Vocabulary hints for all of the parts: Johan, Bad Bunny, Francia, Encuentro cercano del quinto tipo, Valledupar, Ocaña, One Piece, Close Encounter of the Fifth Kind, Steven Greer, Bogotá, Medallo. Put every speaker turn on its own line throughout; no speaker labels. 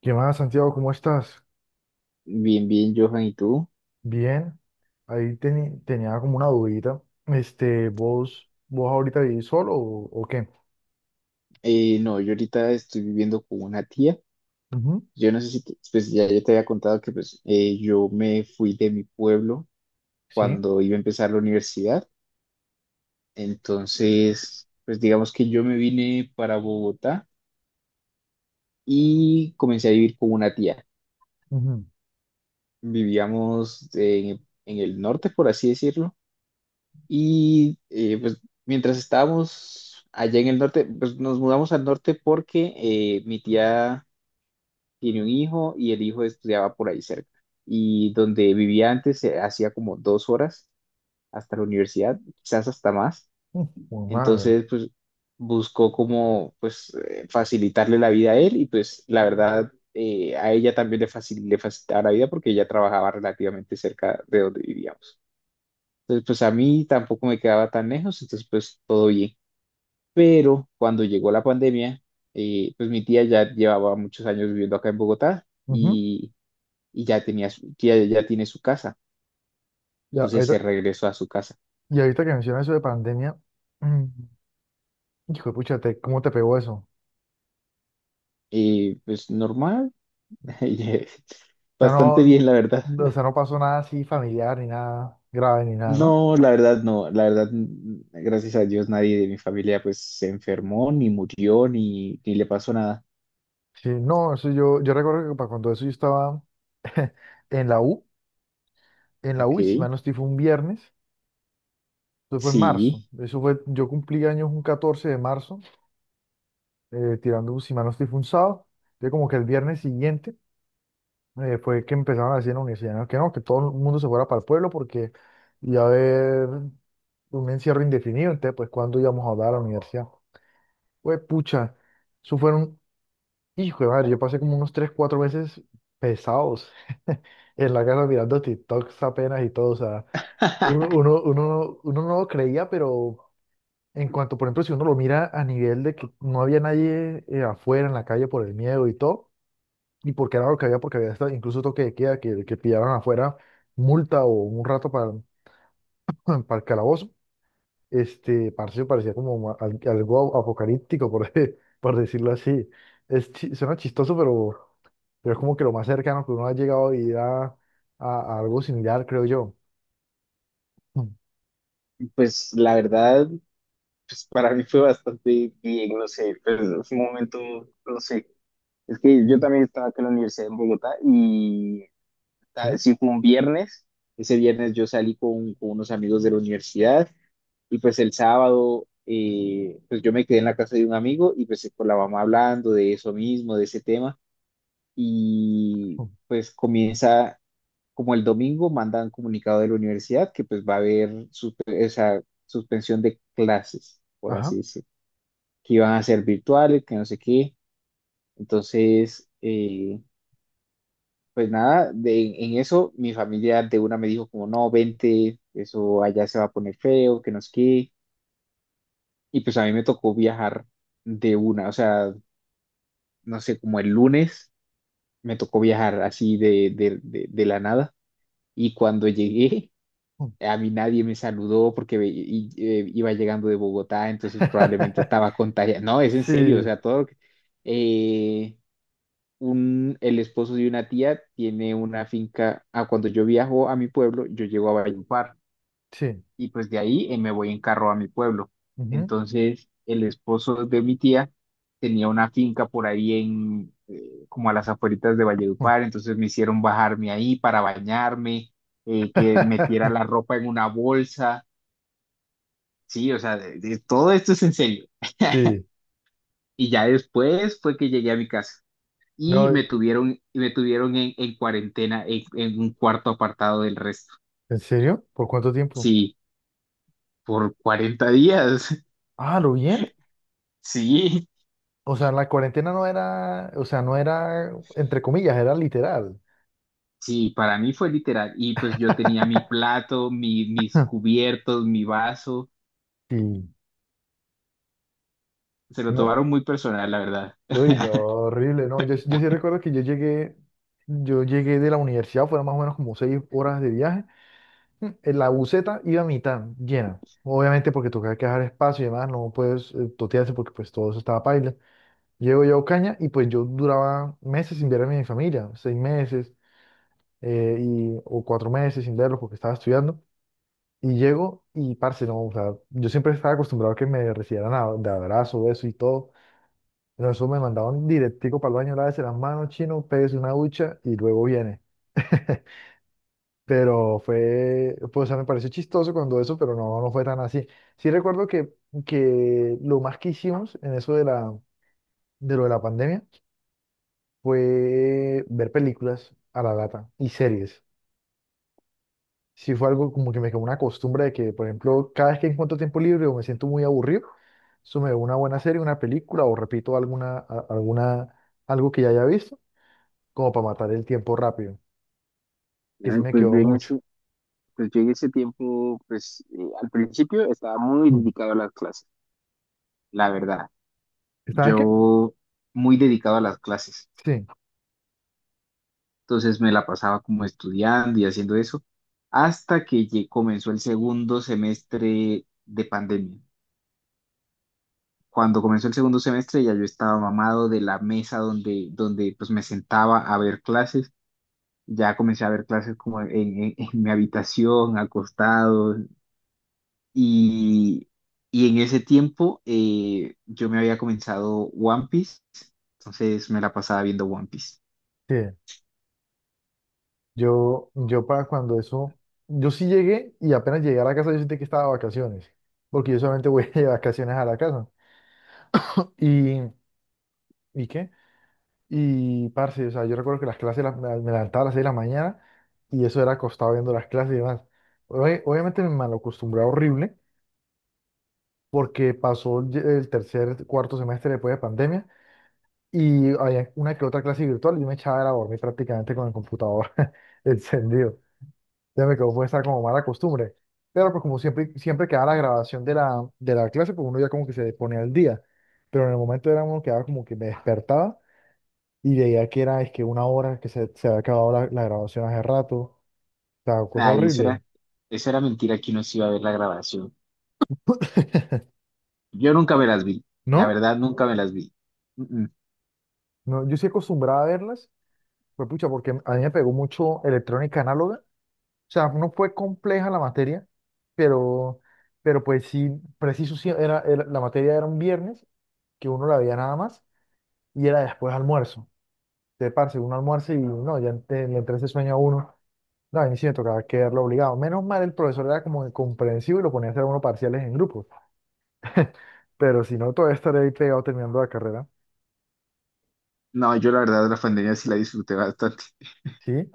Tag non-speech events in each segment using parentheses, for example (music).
¿Qué más, Santiago? ¿Cómo estás?
Bien, bien, Johan, ¿y tú?
Bien, ahí tenía como una dudita. Este, ¿vos ahorita vivís solo o qué?
No, yo ahorita estoy viviendo con una tía.
Ujú.
Yo no sé si, pues ya yo te había contado que yo me fui de mi pueblo
Sí.
cuando iba a empezar la universidad. Entonces, pues digamos que yo me vine para Bogotá y comencé a vivir con una tía.
Ujú.
Vivíamos en el norte, por así decirlo. Y pues mientras estábamos allá en el norte, pues nos mudamos al norte porque mi tía tiene un hijo y el hijo estudiaba por ahí cerca. Y donde vivía antes se hacía como 2 horas hasta la universidad, quizás hasta más.
Mm, por madre.
Entonces, pues buscó como facilitarle la vida a él y pues la verdad a ella también le facilitaba la vida porque ella trabajaba relativamente cerca de donde vivíamos. Entonces, pues a mí tampoco me quedaba tan lejos, entonces pues todo bien. Pero cuando llegó la pandemia, pues mi tía ya llevaba muchos años viviendo acá en Bogotá
Ujú.
y ya, ya tiene su casa.
Y,
Entonces
ahorita,
se regresó a su casa.
y ahorita que mencionas eso de pandemia, mm, hijo de pucha, ¿cómo te pegó eso? O
Y pues normal, (laughs) y,
sea,
bastante
no,
bien, la verdad.
o sea, no pasó nada así familiar ni nada grave ni nada, ¿no?
No, la verdad no, la verdad, gracias a Dios nadie de mi familia pues se enfermó, ni murió, ni le pasó nada.
Sí, no, eso yo recuerdo que para cuando eso yo estaba en la U,
Ok,
Y si mal no estoy, fue un viernes. Eso fue en marzo.
sí.
Eso fue, yo cumplí años un 14 de marzo, tirando, si mal no estoy fue un sábado. Yo como que el viernes siguiente fue que empezaron a decir en la universidad, ¿no? Que no, que todo el mundo se fuera para el pueblo porque iba a haber un encierro indefinido. Entonces, pues, ¿cuándo íbamos a hablar a la universidad? Pues, pucha, eso fueron, hijo de madre, yo pasé como unos 3 4 meses pesados (laughs) en la casa mirando TikToks apenas y todo. O sea,
(laughs)
uno no lo creía. Pero en cuanto, por ejemplo, si uno lo mira a nivel de que no había nadie afuera en la calle por el miedo y todo, y porque era lo que había, porque había hasta incluso toque de queda, que pillaban afuera multa o un rato para, (laughs) para el calabozo, este, parce, parecía como algo apocalíptico, (laughs) por decirlo así. Es, suena chistoso, pero, es como que lo más cercano que uno ha llegado a vivir a algo similar, creo yo. (clears throat)
Pues la verdad, pues para mí fue bastante bien, no sé, pero fue un momento, no sé. Es que
Mm.
yo
Mm.
también estaba acá en la universidad en Bogotá y ah,
¿Sí?
sí fue un viernes, ese viernes yo salí con unos amigos de la universidad y pues el sábado pues yo me quedé en la casa de un amigo y pues con la mamá hablando de eso mismo, de ese tema
(clears throat)
y
Mm.
pues comienza como el domingo mandan comunicado de la universidad que pues va a haber suspensión de clases, por así
Ajá.
decirlo, que iban a ser virtuales, que no sé qué. Entonces, pues nada, de, en eso mi familia de una me dijo como, no, vente, eso allá se va a poner feo, que nos quede. Y pues a mí me tocó viajar de una, o sea, no sé, como el lunes me tocó viajar así de la nada. Y cuando (laughs) llegué,
Mm.
a mí nadie me saludó porque iba llegando de Bogotá, entonces probablemente estaba
(laughs)
contagiado. No, es en serio, o
Sí.
sea, todo lo que eh, el esposo de una tía tiene una finca. Ah, cuando yo viajo a mi pueblo, yo llego a Valledupar
Sí.
y pues de ahí me voy en carro a mi pueblo. Entonces, el esposo de mi tía tenía una finca por ahí como a las afueritas de Valledupar, entonces me hicieron bajarme ahí para bañarme, que metiera
(laughs)
la ropa en una bolsa. Sí, o sea, todo esto es en serio. (laughs)
Sí,
Y ya después fue que llegué a mi casa. Y
no,
me tuvieron, y me tuvieron en cuarentena en un cuarto apartado del resto.
¿en serio? ¿Por cuánto tiempo?
Sí, por 40 días. (laughs)
Ah, ¿lo bien?
Sí,
O sea, la cuarentena no era, o sea, no era entre comillas, era literal.
sí, para mí fue literal. Y pues yo tenía mi
(laughs)
plato, mis cubiertos, mi vaso.
Sí,
Se lo
no,
tomaron muy personal, la verdad.
uy, no, horrible, no, yo sí recuerdo que yo llegué de la universidad, fueron más o menos como 6 horas de viaje, en la buseta iba a mitad, llena, obviamente porque tocaba que dejar espacio y demás, no puedes totearse porque pues todo eso estaba paila. Llego yo a Ocaña y pues yo duraba meses sin ver a mi familia, 6 meses y, o 4 meses sin verlos porque estaba estudiando. Y llego y, parce, no, o sea, yo siempre estaba acostumbrado a que me recibieran de abrazo, beso y todo. Pero eso me mandaban directico para el baño, lávese las manos, chino, pégase una ducha y luego viene. (laughs) Pero fue, pues, o sea, me pareció chistoso cuando eso, pero no, no fue tan así. Sí recuerdo que, lo más que hicimos en eso de lo de la pandemia fue ver películas a la lata y series. Sí fue algo como que me quedó una costumbre de que, por ejemplo, cada vez que encuentro tiempo libre o me siento muy aburrido, eso me veo una buena serie, una película o repito alguna, alguna, algo que ya haya visto, como para matar el tiempo rápido, que sí
Ay,
me quedó mucho.
Pues yo en ese tiempo, al principio estaba muy
Mm.
dedicado a las clases, la verdad.
¿Estaban qué?
Yo muy dedicado a las clases.
Sí.
Entonces me la pasaba como estudiando y haciendo eso hasta que comenzó el segundo semestre de pandemia. Cuando comenzó el segundo semestre ya yo estaba mamado de la mesa donde pues me sentaba a ver clases. Ya comencé a ver clases en mi habitación, acostado. Y, y en ese tiempo yo me había comenzado One Piece, entonces me la pasaba viendo One Piece.
Sí. Yo para cuando eso, yo sí llegué y apenas llegué a la casa yo sentí que estaba de vacaciones, porque yo solamente voy (laughs) de vacaciones a la casa. ¿Y, y qué? Y, parce, o sea, yo recuerdo que las clases me levantaba a las 6 de la mañana y eso era acostado viendo las clases y demás. Obviamente me malacostumbré horrible porque pasó el tercer, cuarto semestre después de pandemia y había una que otra clase virtual y yo me echaba era a dormir prácticamente con el computador (laughs) encendido. Ya me quedó fue esa como mala costumbre. Pero pues como siempre, siempre quedaba la grabación de la clase, pues uno ya como que se ponía al día. Pero en el momento era uno que quedaba como que me despertaba y veía que era, es que una hora que se había acabado la grabación hace rato, o sea, cosa
Ay,
horrible,
eso era mentira que uno se iba a ver la grabación. Yo nunca me las vi, la
¿no?
verdad nunca me las vi. Mm, mm.
No, yo sí acostumbraba a verlas, pues pucha, porque a mí me pegó mucho electrónica análoga, o sea, no fue compleja la materia, pero, pero, pues sí, preciso, sí, la materia era un viernes, que uno la veía nada más, y era después almuerzo, te parce, uno almuerzo y no, ya le entra ese sueño a uno, no, a mí sí me tocaba quedarlo obligado, menos mal el profesor era como comprensivo y lo ponía a hacer a uno parciales en grupo. (laughs) Pero si no, todavía estaré ahí pegado terminando la carrera.
No, yo la verdad la pandemia sí la disfruté bastante. (laughs)
¿Sí?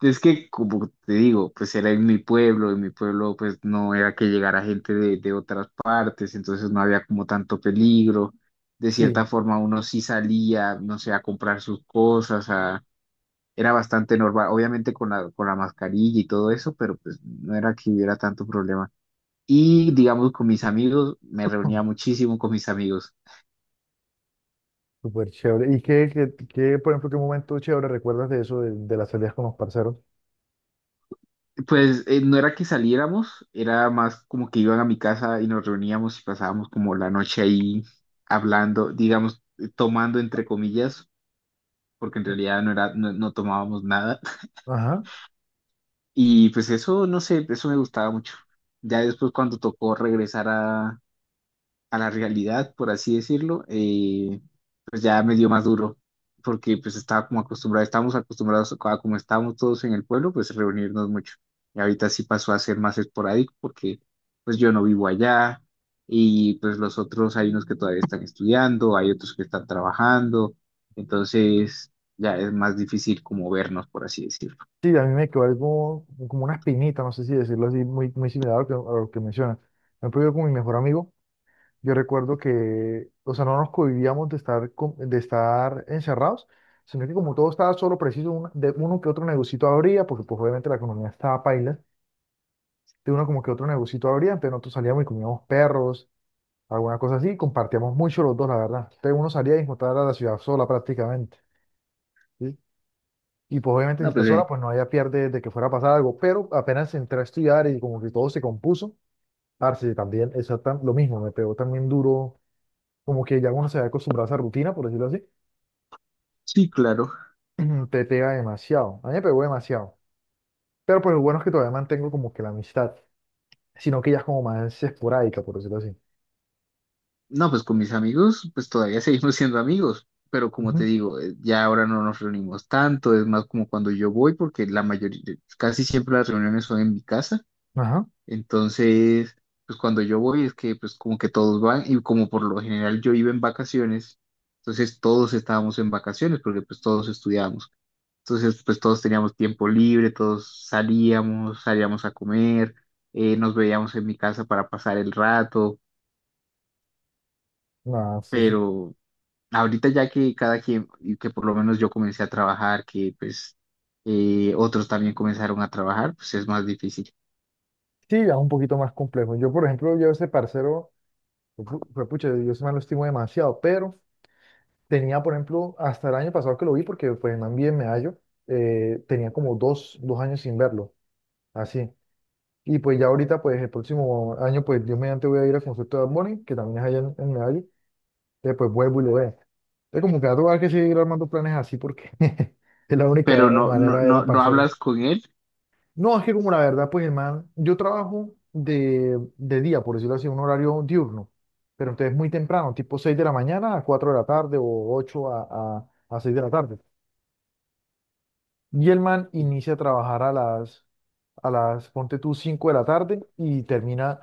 Es que, como te digo, pues era en mi pueblo pues no era que llegara gente de otras partes, entonces no había como tanto peligro. De cierta
Sí.
forma uno sí salía, no sé, a comprar sus cosas, a era bastante normal, obviamente con la mascarilla y todo eso, pero pues no era que hubiera tanto problema. Y digamos, con mis amigos, me
Mm.
reunía muchísimo con mis amigos.
Súper chévere. ¿Y qué, por ejemplo, qué momento chévere recuerdas de eso, de, las salidas con los parceros?
Pues no era que saliéramos, era más como que iban a mi casa y nos reuníamos y pasábamos como la noche ahí hablando, digamos, tomando entre comillas, porque en realidad no era, no tomábamos nada. (laughs)
Ajá.
Y pues eso, no sé, eso me gustaba mucho. Ya después cuando tocó regresar a la realidad, por así decirlo, pues ya me dio más duro, porque pues estaba como acostumbrado, estábamos acostumbrados a como estábamos todos en el pueblo, pues reunirnos mucho. Y ahorita sí pasó a ser más esporádico porque pues yo no vivo allá y pues los otros hay unos que todavía están estudiando, hay otros que están trabajando, entonces ya es más difícil como vernos, por así decirlo.
Sí, a mí me quedó algo como una espinita, no sé si decirlo así, muy, muy similar a lo que mencionas. Por ejemplo, yo con mi mejor amigo, yo recuerdo que, o sea, no nos convivíamos de estar, de estar encerrados, sino que como todo estaba solo preciso, de uno que otro negocito abría, porque pues obviamente la economía estaba paila, de uno como que otro negocito abría, entonces nosotros salíamos y comíamos perros, alguna cosa así, y compartíamos mucho los dos, la verdad. Entonces uno salía y encontraba la ciudad sola prácticamente, ¿sí? Y pues obviamente si
No,
está
pues
sola, pues no había pierde de que fuera a pasar algo, pero apenas entré a estudiar y como que todo se compuso, parce, también exactamente lo mismo, me pegó también duro, como que ya uno se había acostumbrado a esa rutina, por decirlo así,
sí, claro.
(clears throat) te pega demasiado, a mí me pegó demasiado. Pero pues lo bueno es que todavía mantengo como que la amistad, sino que ya es como más esporádica, por decirlo así.
No, pues con mis amigos, pues todavía (laughs) seguimos siendo amigos, pero como
Ujú.
te digo, ya ahora no nos reunimos tanto, es más como cuando yo voy, porque la mayoría, casi siempre las reuniones son en mi casa,
Ajá.
entonces, pues cuando yo voy es que pues como que todos van y como por lo general yo iba en vacaciones, entonces todos estábamos en vacaciones porque pues todos estudiábamos, entonces pues todos teníamos tiempo libre, todos salíamos, salíamos a comer, nos veíamos en mi casa para pasar el rato,
Nada,
pero ahorita ya que cada quien, y que por lo menos yo comencé a trabajar, que pues otros también comenzaron a trabajar, pues es más difícil.
sí, ya es un poquito más complejo. Yo, por ejemplo, yo ese parcero, yo fue pucha, yo ese man lo estimo demasiado, pero tenía, por ejemplo, hasta el año pasado que lo vi, porque pues el man vive en Medallo, tenía como dos años sin verlo, así. Y pues ya ahorita, pues el próximo año, pues Dios mediante voy a ir al concierto de Bad Bunny, que también es allá en, Medallo, entonces pues vuelvo y lo veo. Entonces como que va a tocar que seguir armando planes así, porque (laughs) es la única
Pero no, no,
manera era
no, no
parcero.
hablas con él,
No, es que como la verdad, pues hermano, yo trabajo de, día, por decirlo así, un horario diurno, pero entonces muy temprano, tipo 6 de la mañana a 4 de la tarde o 8 a 6 de la tarde. Y el man
y-
inicia a trabajar a las, ponte tú, 5 de la tarde y termina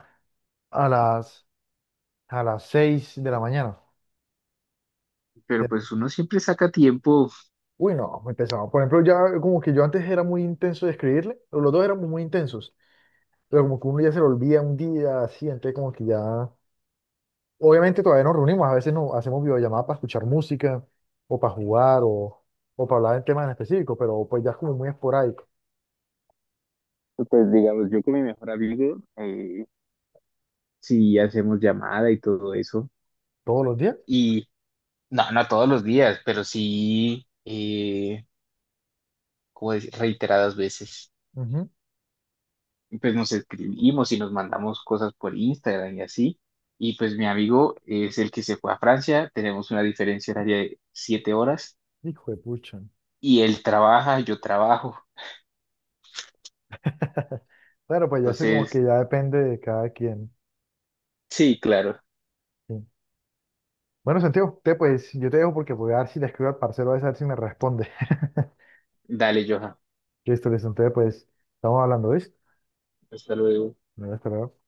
a las, a las 6 de la mañana.
pero pues uno siempre saca tiempo.
Uy, no, empezamos. Por ejemplo, ya como que yo antes era muy intenso de escribirle, pero los dos éramos muy intensos, pero como que uno ya se lo olvida un día, así, entonces como que ya obviamente todavía nos reunimos, a veces nos hacemos videollamadas para escuchar música o para jugar o para hablar de temas en específico, pero pues ya es como muy esporádico.
Pues digamos, yo con mi mejor amigo, si hacemos llamada y todo eso.
¿Todos los días?
Y no, no todos los días, pero sí, como decir, reiteradas veces.
Ujú.
Pues nos escribimos y nos mandamos cosas por Instagram y así. Y pues mi amigo es el que se fue a Francia, tenemos una diferencia horaria de 7 horas
Hijo de pucha.
y él trabaja, yo trabajo.
(laughs) Claro, pues ya sé como que
Entonces,
ya depende de cada quien.
sí, claro,
Sí. Bueno, Santiago, te pues yo te dejo porque voy a ver si le escribo al parcero a ver si me responde.
dale, Johan,
(laughs) Listo, listo. Entonces, pues estamos hablando de esto.
hasta luego.
Me voy a esperar.